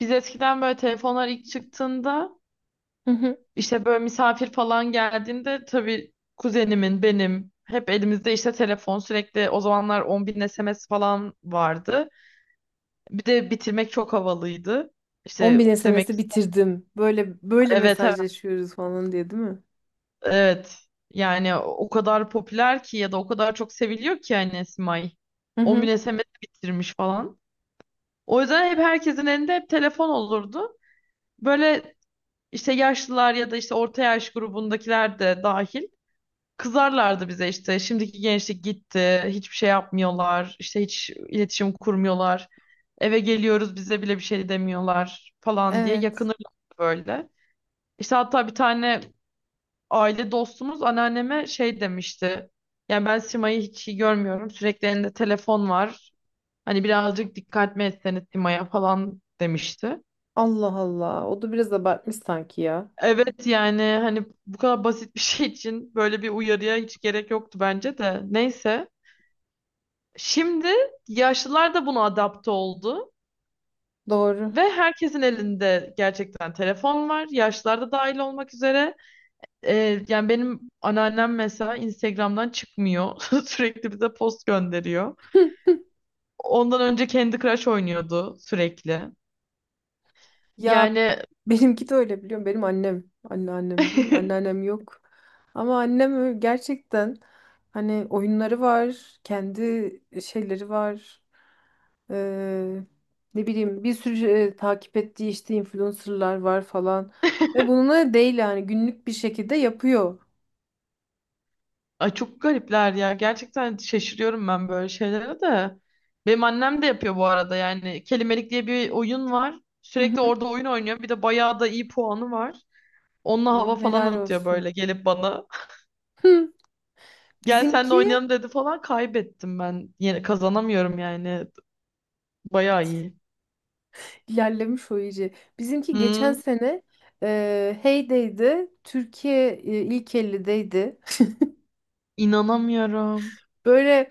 Biz eskiden böyle telefonlar ilk çıktığında Hı hı. işte böyle misafir falan geldiğinde tabii kuzenimin benim hep elimizde işte telefon sürekli o zamanlar 10 bin SMS falan vardı. Bir de bitirmek çok havalıydı. İşte 10.000 demek. SMS'i bitirdim. Böyle böyle Evet, evet, mesajlaşıyoruz falan diye değil mi? evet. Yani o kadar popüler ki ya da o kadar çok seviliyor ki yani Esmay. Hı 10 hı. bin SMS bitirmiş falan. O yüzden hep herkesin elinde hep telefon olurdu. Böyle işte yaşlılar ya da işte orta yaş grubundakiler de dahil. Kızarlardı bize işte şimdiki gençlik gitti, hiçbir şey yapmıyorlar, işte hiç iletişim kurmuyorlar. Eve geliyoruz bize bile bir şey demiyorlar falan diye Evet. yakınırlar böyle. İşte hatta bir tane aile dostumuz anneanneme şey demişti. Yani ben Sima'yı hiç iyi görmüyorum. Sürekli elinde telefon var. Hani birazcık dikkat mi etseniz Sima'ya falan demişti. Allah Allah. O da biraz abartmış sanki ya. Evet yani hani bu kadar basit bir şey için böyle bir uyarıya hiç gerek yoktu bence de. Neyse. Şimdi yaşlılar da buna adapte oldu Doğru. ve herkesin elinde gerçekten telefon var. Yaşlılar da dahil olmak üzere. Yani benim anneannem mesela Instagram'dan çıkmıyor. Sürekli bize post gönderiyor. Ondan önce Candy Crush oynuyordu sürekli. Ya Yani benimki de öyle biliyorum. Benim annem. Anneannem değil. Anneannem yok. Ama annem öyle- gerçekten hani oyunları var. Kendi şeyleri var. Ee, ne bileyim bir sürü takip ettiği işte influencerlar var falan. Ve bununla değil yani günlük bir şekilde yapıyor. ay çok garipler ya. Gerçekten şaşırıyorum ben böyle şeylere de. Benim annem de yapıyor bu arada. Yani Kelimelik diye bir oyun var. Sürekli orada oyun oynuyor. Bir de bayağı da iyi puanı var. Onunla hava Ama falan helal atıyor olsun. böyle gelip bana. Hı, Gel senle Bizimki oynayalım dedi falan kaybettim ben. Yine kazanamıyorum yani. Bayağı iyi. ilerlemiş o iyice. Bizimki geçen Hı. sene Hey'deydi. Türkiye ilk 50'deydi. inanamıyorum. Böyle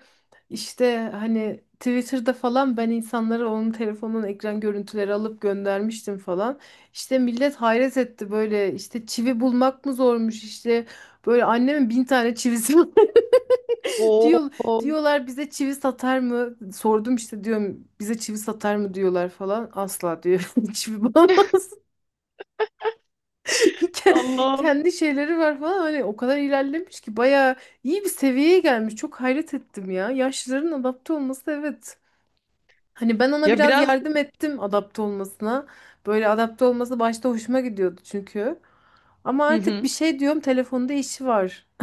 işte hani Twitter'da falan ben insanlara onun telefonunun ekran görüntüleri alıp göndermiştim falan. İşte millet hayret etti böyle işte çivi bulmak mı zormuş işte böyle annemin 1000 tane çivisi var. Oo, Diyor, diyorlar bize çivi satar mı? Sordum işte diyorum bize çivi satar mı diyorlar falan. Asla diyor çivi bulamaz. Allah'ım. Kendi şeyleri var falan hani o kadar ilerlemiş ki bayağı iyi bir seviyeye gelmiş. Çok hayret ettim ya. Yaşlıların adapte olması evet. Hani ben ona Ya biraz biraz. yardım ettim adapte olmasına. Böyle adapte olması başta hoşuma gidiyordu çünkü. Ama Hı artık bir hı. şey diyorum telefonda işi var.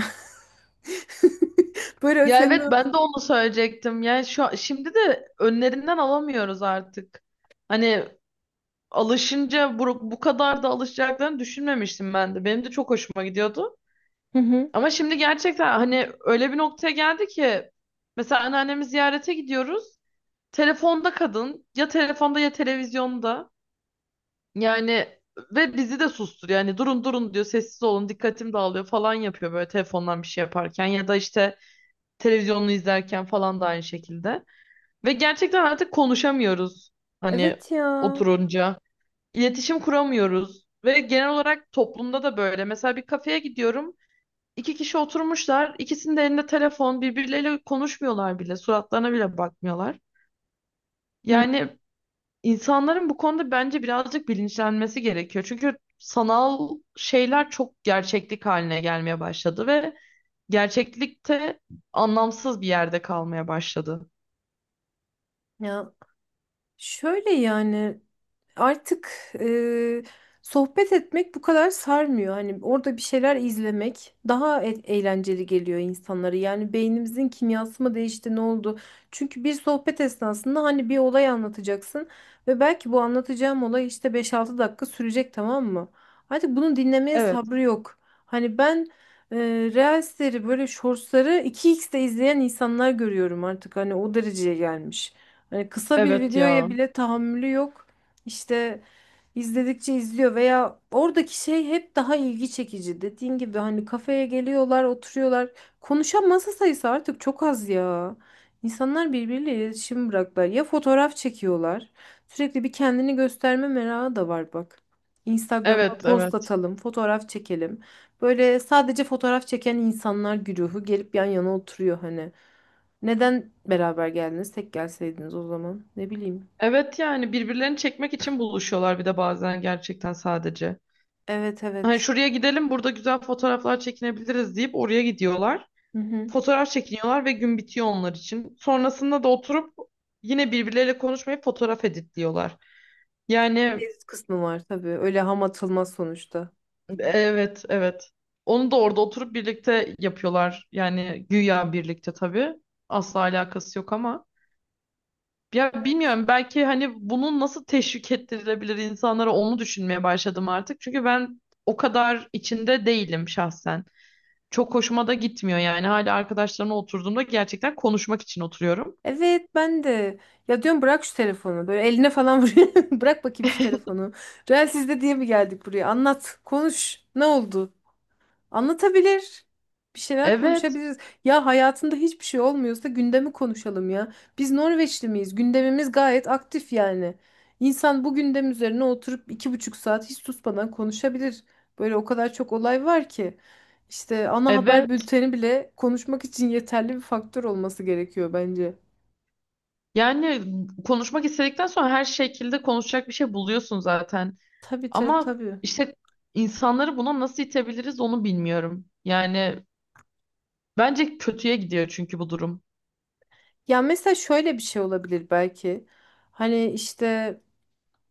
Böyle Ya senin evet o... ben de onu söyleyecektim. Yani şimdi de önlerinden alamıyoruz artık. Hani alışınca bu kadar da alışacaklarını düşünmemiştim ben de. Benim de çok hoşuma gidiyordu. Hı hı. Ama şimdi gerçekten hani öyle bir noktaya geldi ki mesela anneannemi ziyarete gidiyoruz. Telefonda kadın ya telefonda ya televizyonda. Yani ve bizi de susturuyor. Yani durun durun diyor sessiz olun dikkatim dağılıyor falan yapıyor böyle telefondan bir şey yaparken ya da işte televizyonunu izlerken falan da aynı şekilde. Ve gerçekten artık konuşamıyoruz hani Evet ya. oturunca. İletişim kuramıyoruz. Ve genel olarak toplumda da böyle. Mesela bir kafeye gidiyorum. İki kişi oturmuşlar. İkisinin de elinde telefon. Birbirleriyle konuşmuyorlar bile. Suratlarına bile bakmıyorlar. Hı. Yani insanların bu konuda bence birazcık bilinçlenmesi gerekiyor. Çünkü sanal şeyler çok gerçeklik haline gelmeye başladı ve gerçeklikte anlamsız bir yerde kalmaya başladı. Ya şöyle yani artık e, sohbet etmek bu kadar sarmıyor. Hani orada bir şeyler izlemek daha eğlenceli geliyor insanlara. Yani beynimizin kimyası mı değişti, ne oldu? Çünkü bir sohbet esnasında hani bir olay anlatacaksın ve belki bu anlatacağım olay işte 5-6 dakika sürecek, tamam mı? Artık bunu dinlemeye Evet, sabrı yok. Hani ben e, Reels'leri böyle shortsları iki xte izleyen insanlar görüyorum artık. Hani o dereceye gelmiş. Hani kısa bir evet videoya ya. bile tahammülü yok. İşte izledikçe izliyor veya oradaki şey hep daha ilgi çekici. Dediğin gibi hani kafeye geliyorlar, oturuyorlar. Konuşan masa sayısı artık çok az ya. İnsanlar birbiriyle iletişim bıraklar. Ya fotoğraf çekiyorlar. Sürekli bir kendini gösterme merakı da var bak. Instagram'a Evet, post evet. atalım, fotoğraf çekelim. Böyle sadece fotoğraf çeken insanlar güruhu gelip yan yana oturuyor hani. Neden beraber geldiniz? Tek gelseydiniz o zaman. Ne bileyim. Evet yani birbirlerini çekmek için buluşuyorlar bir de bazen gerçekten sadece. Evet, Hani evet. şuraya gidelim burada güzel fotoğraflar çekinebiliriz deyip oraya gidiyorlar. Hı hı. Fotoğraf çekiniyorlar ve gün bitiyor onlar için. Sonrasında da oturup yine birbirleriyle konuşmayıp fotoğraf editliyorlar. Yani Tehdit kısmı var tabii. Öyle ham atılmaz sonuçta. evet evet. Onu da orada oturup birlikte yapıyorlar. Yani güya birlikte tabii. Asla alakası yok ama. Ya bilmiyorum belki hani bunun nasıl teşvik ettirilebilir insanlara onu düşünmeye başladım artık. Çünkü ben o kadar içinde değilim şahsen. Çok hoşuma da gitmiyor yani. Hala arkadaşlarımla oturduğumda gerçekten konuşmak için oturuyorum. Evet, ben de. Ya diyorum bırak şu telefonu. Böyle eline falan vuruyor. Bırak bakayım şu telefonu. Real sizde diye mi geldik buraya? Anlat. Konuş. Ne oldu? Anlatabilir. Bir şeyler Evet, konuşabiliriz. Ya hayatında hiçbir şey olmuyorsa gündemi konuşalım ya. Biz Norveçli miyiz? Gündemimiz gayet aktif yani. İnsan bu gündem üzerine oturup 2,5 saat hiç susmadan konuşabilir. Böyle o kadar çok olay var ki. İşte ana haber evet. bülteni bile konuşmak için yeterli bir faktör olması gerekiyor bence. Yani konuşmak istedikten sonra her şekilde konuşacak bir şey buluyorsun zaten. Tabii, tabii, Ama tabii. işte insanları buna nasıl itebiliriz onu bilmiyorum. Yani bence kötüye gidiyor çünkü bu durum. Ya mesela şöyle bir şey olabilir belki. Hani işte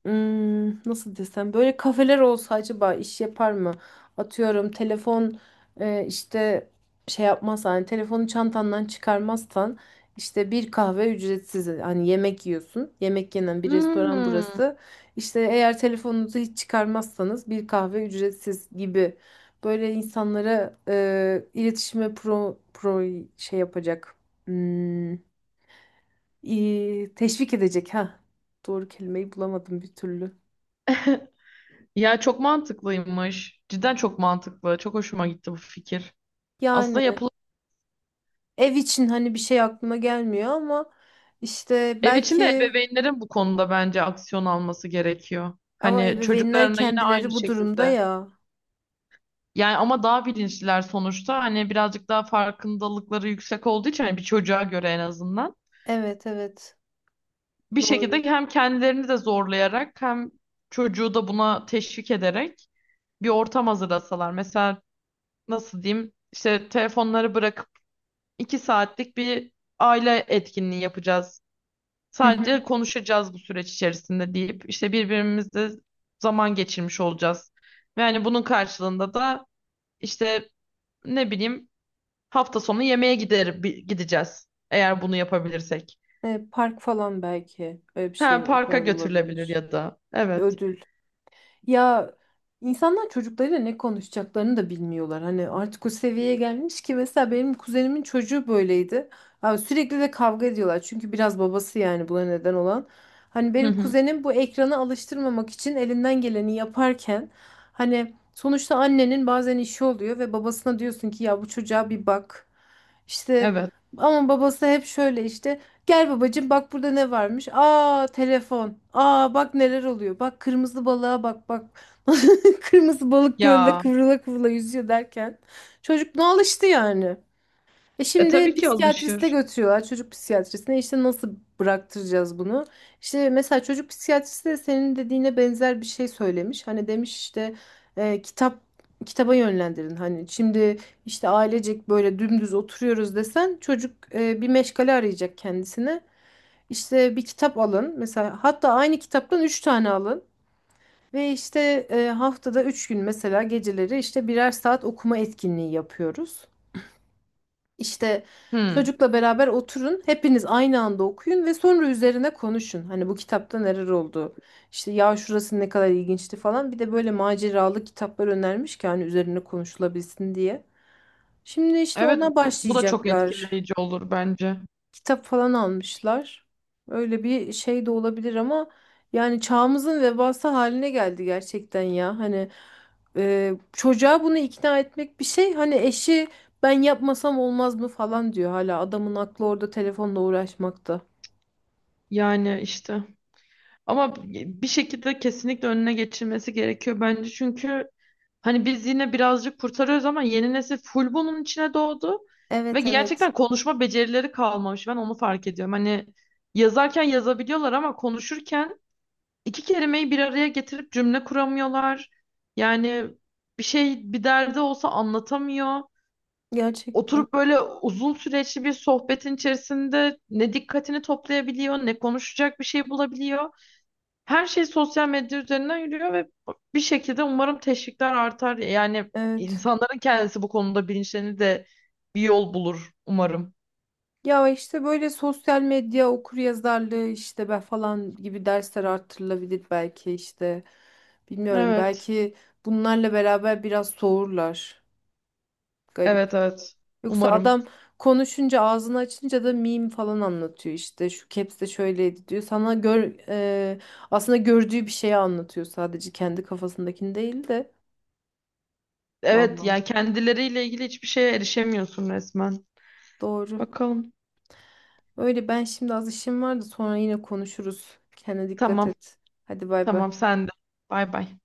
Nasıl desem, böyle kafeler olsa acaba iş yapar mı? Atıyorum, telefon işte şey yapmaz, hani telefonu çantandan çıkarmazsan işte bir kahve ücretsiz, hani yemek yiyorsun. Yemek yenen bir restoran Hmm. burası. İşte eğer telefonunuzu hiç çıkarmazsanız bir kahve ücretsiz gibi böyle insanlara iletişime pro, pro şey yapacak. Hmm, teşvik edecek ha. Doğru kelimeyi bulamadım bir türlü. Ya çok mantıklıymış. Cidden çok mantıklı. Çok hoşuma gitti bu fikir. Aslında Yani yapılan ev için hani bir şey aklıma gelmiyor ama işte ev içinde belki ebeveynlerin bu konuda bence aksiyon alması gerekiyor. ama Hani ebeveynler çocuklarına yine aynı kendileri bu durumda şekilde. ya. Yani ama daha bilinçliler sonuçta. Hani birazcık daha farkındalıkları yüksek olduğu için hani bir çocuğa göre en azından. Evet, evet, Bir şekilde doğru. hem kendilerini de zorlayarak hem çocuğu da buna teşvik ederek bir ortam hazırlasalar. Mesela nasıl diyeyim işte telefonları bırakıp 2 saatlik bir aile etkinliği yapacağız. Hı hı. Sadece konuşacağız bu süreç içerisinde deyip işte birbirimizle zaman geçirmiş olacağız. Yani bunun karşılığında da işte ne bileyim hafta sonu yemeğe gideceğiz. Eğer bunu yapabilirsek. Park falan belki öyle bir Ha, şey o parka tarz götürülebilir olabilir. ya da. Evet. Ödül. Ya insanlar çocuklarıyla ne konuşacaklarını da bilmiyorlar. Hani artık o seviyeye gelmiş ki mesela benim kuzenimin çocuğu böyleydi. Abi sürekli de kavga ediyorlar. Çünkü biraz babası yani buna neden olan. Hani Hı benim hı. kuzenim bu ekrana alıştırmamak için elinden geleni yaparken hani sonuçta annenin bazen işi oluyor ve babasına diyorsun ki ya bu çocuğa bir bak. İşte Evet. ama babası hep şöyle işte gel babacığım bak burada ne varmış. Aa telefon. Aa bak neler oluyor. Bak kırmızı balığa, bak bak. Kırmızı balık gölde Ya, kıvrıla kıvrıla yüzüyor derken. Çocuk ne alıştı yani. E şimdi tabii ki psikiyatriste alışır. götürüyorlar, çocuk psikiyatrisine. İşte nasıl bıraktıracağız bunu? İşte mesela çocuk psikiyatristi de senin dediğine benzer bir şey söylemiş. Hani demiş işte kitap kitaba yönlendirin. Hani şimdi işte ailecek böyle dümdüz oturuyoruz desen çocuk bir meşgale arayacak kendisine. İşte bir kitap alın. Mesela hatta aynı kitaptan 3 tane alın. Ve işte haftada 3 gün mesela geceleri işte 1'er saat okuma etkinliği yapıyoruz. İşte Hı. çocukla beraber oturun. Hepiniz aynı anda okuyun ve sonra üzerine konuşun. Hani bu kitapta neler oldu? İşte ya şurası ne kadar ilginçti falan. Bir de böyle maceralı kitaplar önermiş ki hani üzerine konuşulabilsin diye. Şimdi işte Evet, ona bu da çok başlayacaklar. etkileyici olur bence. Kitap falan almışlar. Öyle bir şey de olabilir ama yani çağımızın vebası haline geldi gerçekten ya. Hani çocuğa bunu ikna etmek bir şey. Hani eşi ben yapmasam olmaz mı falan diyor hala. Adamın aklı orada telefonla uğraşmakta. Yani işte. Ama bir şekilde kesinlikle önüne geçilmesi gerekiyor bence. Çünkü hani biz yine birazcık kurtarıyoruz ama yeni nesil full bunun içine doğdu. Ve Evet, evet. gerçekten konuşma becerileri kalmamış. Ben onu fark ediyorum. Hani yazarken yazabiliyorlar ama konuşurken iki kelimeyi bir araya getirip cümle kuramıyorlar. Yani bir şey bir derdi olsa anlatamıyor. Gerçekten. Oturup böyle uzun süreçli bir sohbetin içerisinde ne dikkatini toplayabiliyor, ne konuşacak bir şey bulabiliyor. Her şey sosyal medya üzerinden yürüyor ve bir şekilde umarım teşvikler artar. Yani Evet. insanların kendisi bu konuda bilinçlerini de bir yol bulur umarım. Ya işte böyle sosyal medya okuryazarlığı işte ben falan gibi dersler arttırılabilir belki işte. Bilmiyorum, Evet. belki bunlarla beraber biraz soğurlar. Evet Garip. evet. Yoksa Umarım. adam konuşunca, ağzını açınca da meme falan anlatıyor işte. Şu caps de şöyleydi diyor. Sana gör e, aslında gördüğü bir şeyi anlatıyor, sadece kendi kafasındakini değil de. Evet Vallahi yani kendileriyle ilgili hiçbir şeye erişemiyorsun resmen. doğru. Bakalım. Öyle, ben şimdi az işim var da sonra yine konuşuruz. Kendine dikkat Tamam. et. Hadi bay bay. Tamam sen de. Bay bay.